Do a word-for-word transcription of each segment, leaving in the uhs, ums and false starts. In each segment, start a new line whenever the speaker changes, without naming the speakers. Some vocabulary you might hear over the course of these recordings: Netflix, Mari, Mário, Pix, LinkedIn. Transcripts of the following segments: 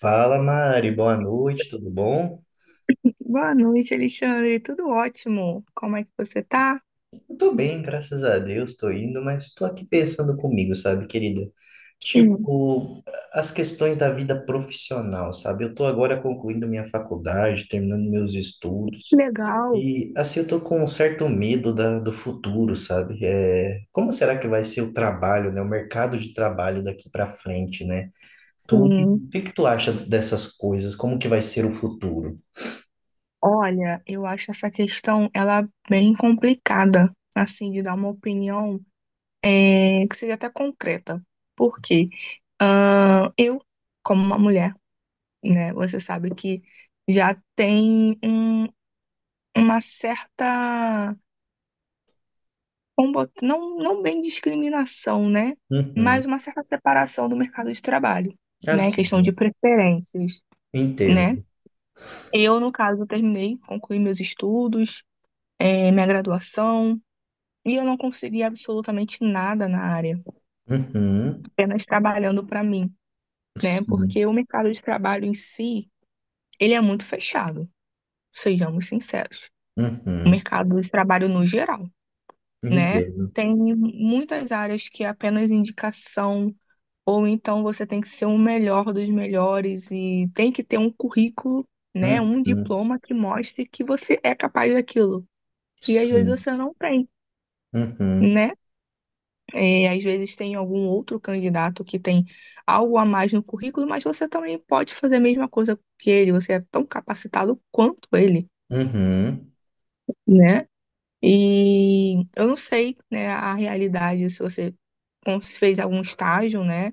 Fala, Mari, boa noite, tudo bom?
Boa noite, Alexandre. Tudo ótimo. Como é que você tá?
Eu tô bem, graças a Deus, tô indo, mas tô aqui pensando comigo, sabe, querida?
Sim,
Tipo, as questões da vida profissional, sabe? Eu tô agora concluindo minha faculdade, terminando meus estudos,
legal.
e assim eu tô com um certo medo da, do futuro, sabe? É, como será que vai ser o trabalho, né? O mercado de trabalho daqui pra frente, né? Tu,
Sim.
o que que tu acha dessas coisas? Como que vai ser o futuro?
Olha, eu acho essa questão ela bem complicada, assim, de dar uma opinião é, que seja até concreta. Por quê? Ah, eu, como uma mulher, né, você sabe que já tem um- uma certa vamos botar, não, não bem discriminação, né?
Uhum.
Mas uma certa separação do mercado de trabalho, né?
Assim,
Questão
né?
de preferências, né?
Entendo.
Eu, no caso, terminei, concluí meus estudos, eh, minha graduação, e eu não consegui absolutamente nada na área,
Uhum.
apenas trabalhando para mim, né?
Sim.
Porque o mercado de trabalho em si, ele é muito fechado, sejamos sinceros. O
Uhum.
mercado de trabalho no geral, né?
Entendo.
Tem muitas áreas que é apenas indicação, ou então você tem que ser o melhor dos melhores e tem que ter um currículo, né, um
Uhum.
diploma que mostre que você é capaz daquilo. E às vezes
Sim.
você não tem,
Uhum.
né? É, às vezes tem algum outro candidato que tem algo a mais no currículo, mas você também pode fazer a mesma coisa que ele, você é tão capacitado quanto ele,
Uhum.
né? E eu não sei, né, a realidade, se você cons- fez algum estágio, né?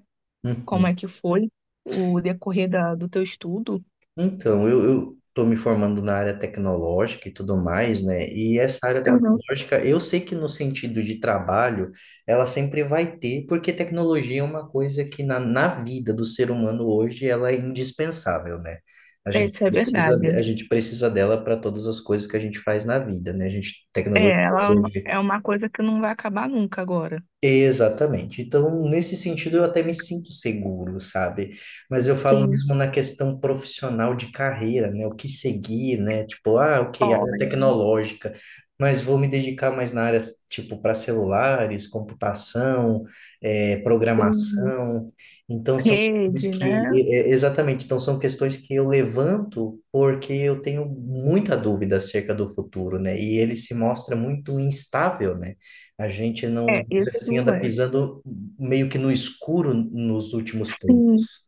Como
Uhum.
é que foi o decorrer da, do teu estudo?
Então, eu, eu tô me formando na área tecnológica e tudo mais, né? E essa área
Eu não
tecnológica, eu sei que no sentido de trabalho, ela sempre vai ter, porque tecnologia é uma coisa que na, na vida do ser humano hoje, ela é indispensável, né? A
sei
gente
se é
precisa,
verdade.
de- a gente precisa dela para todas as coisas que a gente faz na vida, né? A gente,
É,
tecnologia.
ela é uma é uma coisa que não vai acabar nunca agora.
Exatamente. Então, nesse sentido, eu até me sinto seguro, sabe? Mas eu falo
Sim,
mesmo na questão profissional de carreira, né? O que seguir, né? Tipo, ah, ok, área
olha,
tecnológica, mas vou me dedicar mais na área, tipo, para celulares, computação, eh,
sim,
programação. Então, são questões
rede,
que,
né?
eh, eh, exatamente, então são questões que eu levanto porque eu tenho muita dúvida acerca do futuro, né? E ele se mostra muito instável, né? A gente não,
É,
vamos dizer
isso
assim, anda
é.
pisando meio que no escuro nos últimos
Sim,
tempos.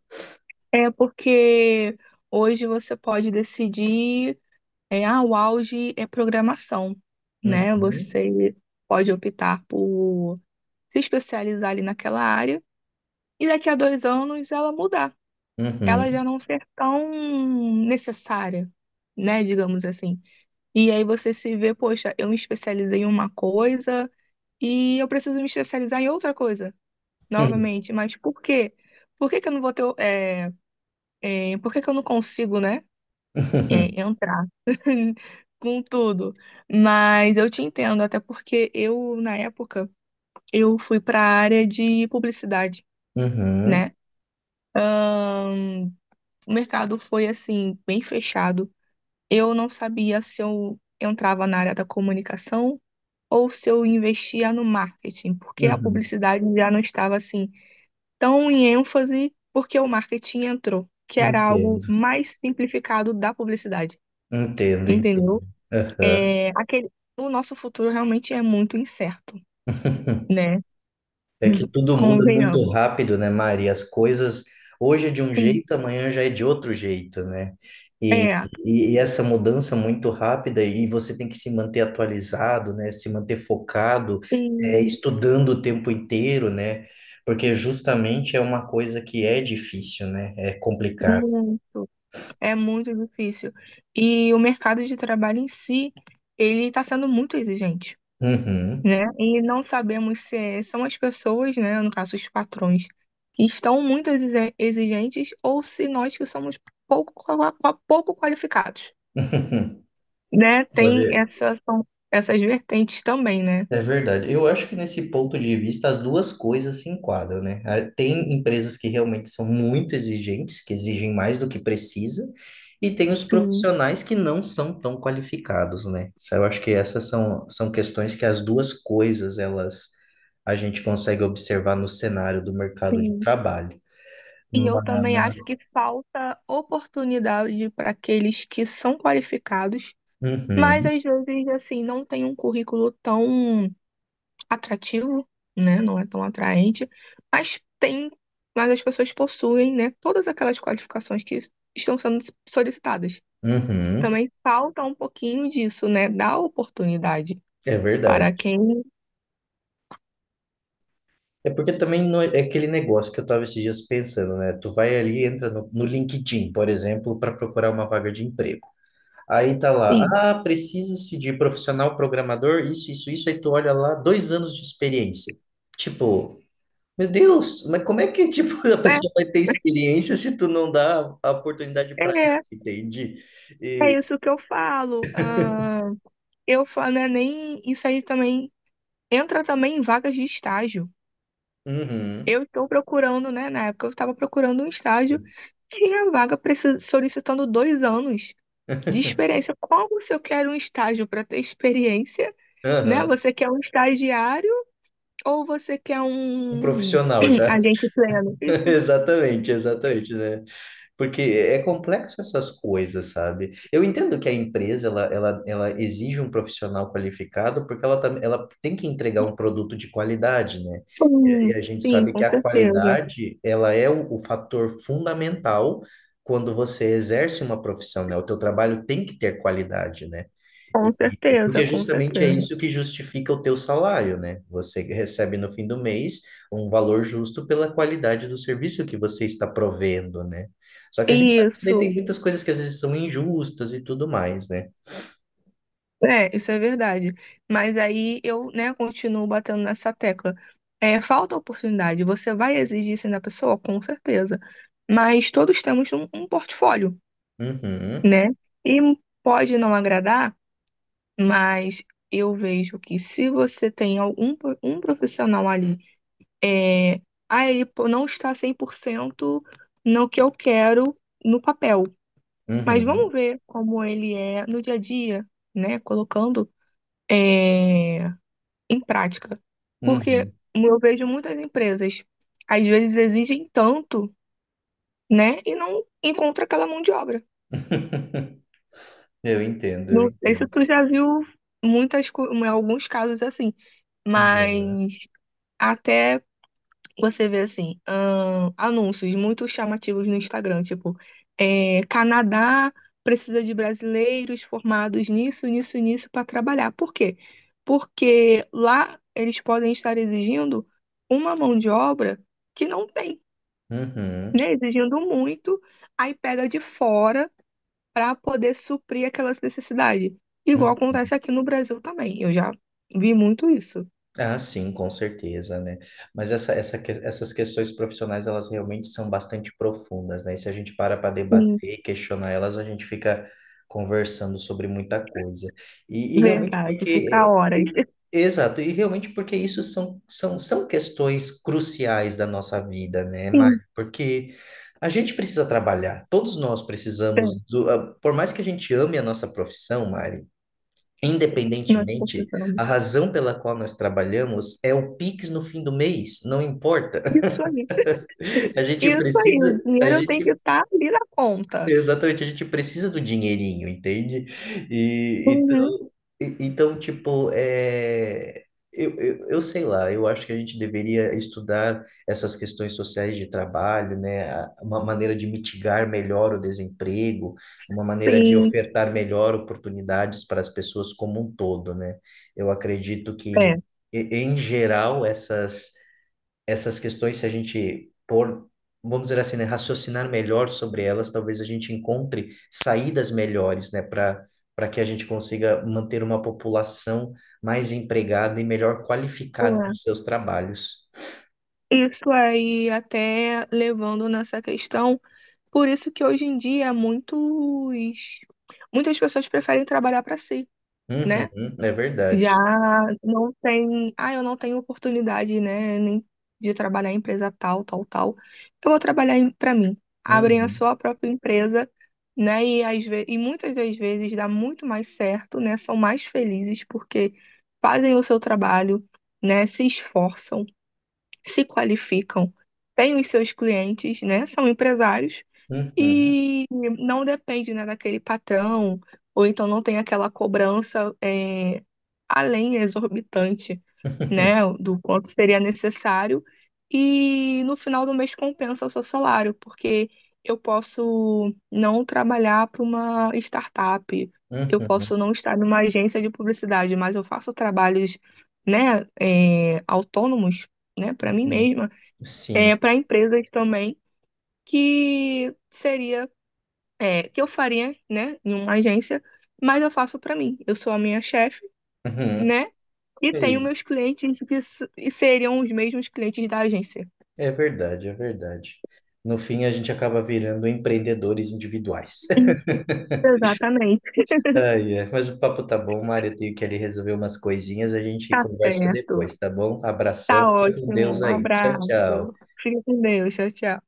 é porque hoje você pode decidir, é, ah, o auge é programação, né?
Uhum,
Você pode optar por se especializar ali naquela área e daqui a dois anos ela mudar, ela já
uhum,
não ser tão necessária, né? Digamos assim. E aí você se vê, poxa, eu me especializei em uma coisa e eu preciso me especializar em outra coisa, novamente. Mas por quê? Por que que eu não vou ter, é, é, por que que eu não consigo, né, é, entrar com tudo? Mas eu te entendo, até porque eu, na época, eu fui para a área de publicidade,
uhum, uhum,
né? Ahn, o mercado foi, assim, bem fechado. Eu não sabia se eu entrava na área da comunicação ou se eu investia no marketing, porque a
uhum.
publicidade já não estava assim tão em ênfase, porque o marketing entrou, que era algo
Entendo,
mais simplificado da publicidade,
entendo,
entendeu?
entendo. Aham.
É, aquele, o nosso futuro realmente é muito incerto, né?
É que tudo muda muito
Convenhamos.
rápido, né, Mari? As coisas hoje é de um
Sim.
jeito, amanhã já é de outro jeito, né? E,
É,
e, e essa mudança muito rápida, e você tem que se manter atualizado, né? Se manter focado, é,
sim,
estudando o tempo inteiro, né? Porque justamente é uma coisa que é difícil, né? É complicado.
muito. É muito difícil. E o mercado de trabalho em si, ele está sendo muito exigente.
Uhum.
né? E não sabemos se são as pessoas, né, no caso os patrões, que estão muito exi- exigentes ou se nós que somos pouco, qua- qua- pouco qualificados, né? Tem
Olha,
essa, são essas vertentes também, né?
é verdade. Eu acho que nesse ponto de vista as duas coisas se enquadram, né? Ah, tem empresas que realmente são muito exigentes, que exigem mais do que precisa, e tem os
Sim,
profissionais que não são tão qualificados, né? Isso. Eu acho que essas são, são questões que as duas coisas elas a gente consegue observar no cenário do mercado de
sim.
trabalho.
E eu também acho
Mas,
que falta oportunidade para aqueles que são qualificados, mas
uhum,
às vezes, assim, não tem um currículo tão atrativo, né? Não é tão atraente, mas tem, mas as pessoas possuem, né, todas aquelas qualificações que estão sendo solicitadas.
uhum,
Também falta um pouquinho disso, né? Dar oportunidade
é
para
verdade.
quem,
É porque também não é é aquele negócio que eu estava esses dias pensando, né? Tu vai ali, entra no, no LinkedIn, por exemplo, para procurar uma vaga de emprego. Aí tá lá,
sim.
ah, precisa-se de profissional programador, isso, isso, isso. Aí tu olha lá, dois anos de experiência. Tipo, meu Deus, mas como é que, tipo, a
É,
pessoa vai ter experiência se tu não dá a oportunidade para ela,
é,
entende?
é
E,
isso que eu falo. Ah, eu falo, né, nem isso aí também entra também em vagas de estágio.
uhum,
Eu estou procurando, né? Na época eu estava procurando um estágio,
sim,
tinha vaga precis- solicitando dois anos. de experiência. Como se eu quero um estágio para ter experiência, né?
aham,
Você quer um estagiário ou você quer
um
um
profissional já.
agente pleno? Isso,
Exatamente, exatamente, né? Porque é complexo essas coisas, sabe? Eu entendo que a empresa ela, ela, ela exige um profissional qualificado porque ela, tam- ela tem que entregar um produto de qualidade, né? E e
sim,
a gente
sim,
sabe que
com
a
certeza.
qualidade ela é o, o fator fundamental quando você exerce uma profissão, né? O teu trabalho tem que ter qualidade, né?
Com
E-
certeza,
porque
com
justamente é
certeza.
isso que justifica o teu salário, né? Você recebe no fim do mês um valor justo pela qualidade do serviço que você está provendo, né? Só que a gente sabe que daí
Isso,
tem muitas coisas que às vezes são injustas e tudo mais, né?
é, isso é verdade. Mas aí eu, né, continuo batendo nessa tecla. É, falta oportunidade. Você vai exigir isso da pessoa? Com certeza. Mas todos temos um, um portfólio,
Uhum,
né? E pode não agradar, Mas eu vejo que se você tem algum pro- um profissional ali, é, ah, ele pô- não está cem por cento no que eu quero no papel, mas
uhum,
vamos ver como ele é no dia a dia, né? Colocando, é, em prática. Porque
uhum.
eu vejo muitas empresas, às vezes exigem tanto, né? E não encontra aquela mão de obra.
Eu entendo, eu
Não sei se
entendo.
tu já viu muitas, co- alguns casos assim,
Entendi.
mas até Você vê assim, ahn, anúncios muito chamativos no Instagram, tipo, é, Canadá precisa de brasileiros formados nisso, nisso, nisso para trabalhar. Por quê? Porque lá eles podem estar exigindo uma mão de obra que não tem,
Uhum,
né? Exigindo muito, aí pega de fora para poder suprir aquelas necessidades. Igual
uhum.
acontece aqui no Brasil também. Eu já vi muito isso.
Ah, sim, com certeza, né? Mas essa, essa, que- essas questões profissionais, elas realmente são bastante profundas, né? E se a gente para para
Sim,
debater e questionar elas, a gente fica conversando sobre muita coisa. E, e realmente
verdade, fica
porque...
horas.
e- exato, e realmente porque isso são, são, são questões cruciais da nossa vida, né, Mari.
Sim.
Porque a gente precisa trabalhar, todos nós precisamos do... ah, por mais que a gente ame a nossa profissão, Mari,
Nós
independentemente, a
precisamos.
razão pela qual nós trabalhamos é o Pix no fim do mês, não importa.
Isso aí,
A gente
isso aí.
precisa,
O
a
dinheiro tem que
gente
estar ali na conta.
exatamente, a gente precisa do dinheirinho, entende? E
Uhum,
então, e- então tipo, é, eu, eu, eu sei lá, eu acho que a gente deveria estudar essas questões sociais de trabalho, né? a- Uma maneira de mitigar melhor o desemprego, uma maneira de
sim,
ofertar melhor oportunidades para as pessoas como um todo, né? Eu acredito que,
é,
e- em geral, essas essas questões, se a gente pôr, vamos dizer assim, né, raciocinar melhor sobre elas, talvez a gente encontre saídas melhores, né, para para que a gente consiga manter uma população mais empregada e melhor qualificada
é.
nos seus trabalhos.
Isso aí, até levando nessa questão, por isso que hoje em dia muitos, muitas pessoas preferem trabalhar para si, né?
Uhum, é verdade.
Já não tem, ah, eu não tenho oportunidade, né, nem de trabalhar em empresa tal, tal, tal. Eu vou trabalhar em- pra mim. Abrem a
Uhum,
sua própria empresa, né, e às ve- e muitas das vezes dá muito mais certo, né? São mais felizes porque fazem o seu trabalho, né, se esforçam, se qualificam, têm os seus clientes, né? São empresários
uhum,
e não depende, né, daquele patrão, ou então não tem aquela cobrança é, além exorbitante, né, do quanto seria necessário. E no final do mês compensa o seu salário, porque eu posso não trabalhar para uma startup, eu
uhum,
posso não estar numa agência de publicidade, mas eu faço trabalhos, né, é, autônomos, né, para mim
uhum,
mesma,
sim.
é, para empresas também, que seria é, que eu faria, né, em uma agência, mas eu faço para mim. Eu sou a minha chefe,
Uhum.
né, e tenho
Sim,
meus clientes que s- e seriam os mesmos clientes da agência.
é verdade, é verdade. No fim, a gente acaba virando empreendedores individuais.
Isso, exatamente.
Ai, é. Mas o papo tá bom, Mário. Eu tenho que ali resolver umas coisinhas. A gente
Tá
conversa
certo.
depois, tá bom?
Tá
Abração. Fica com
ótimo.
Deus
Um
aí. Tchau,
abraço.
tchau.
Fica com Deus. Tchau, tchau.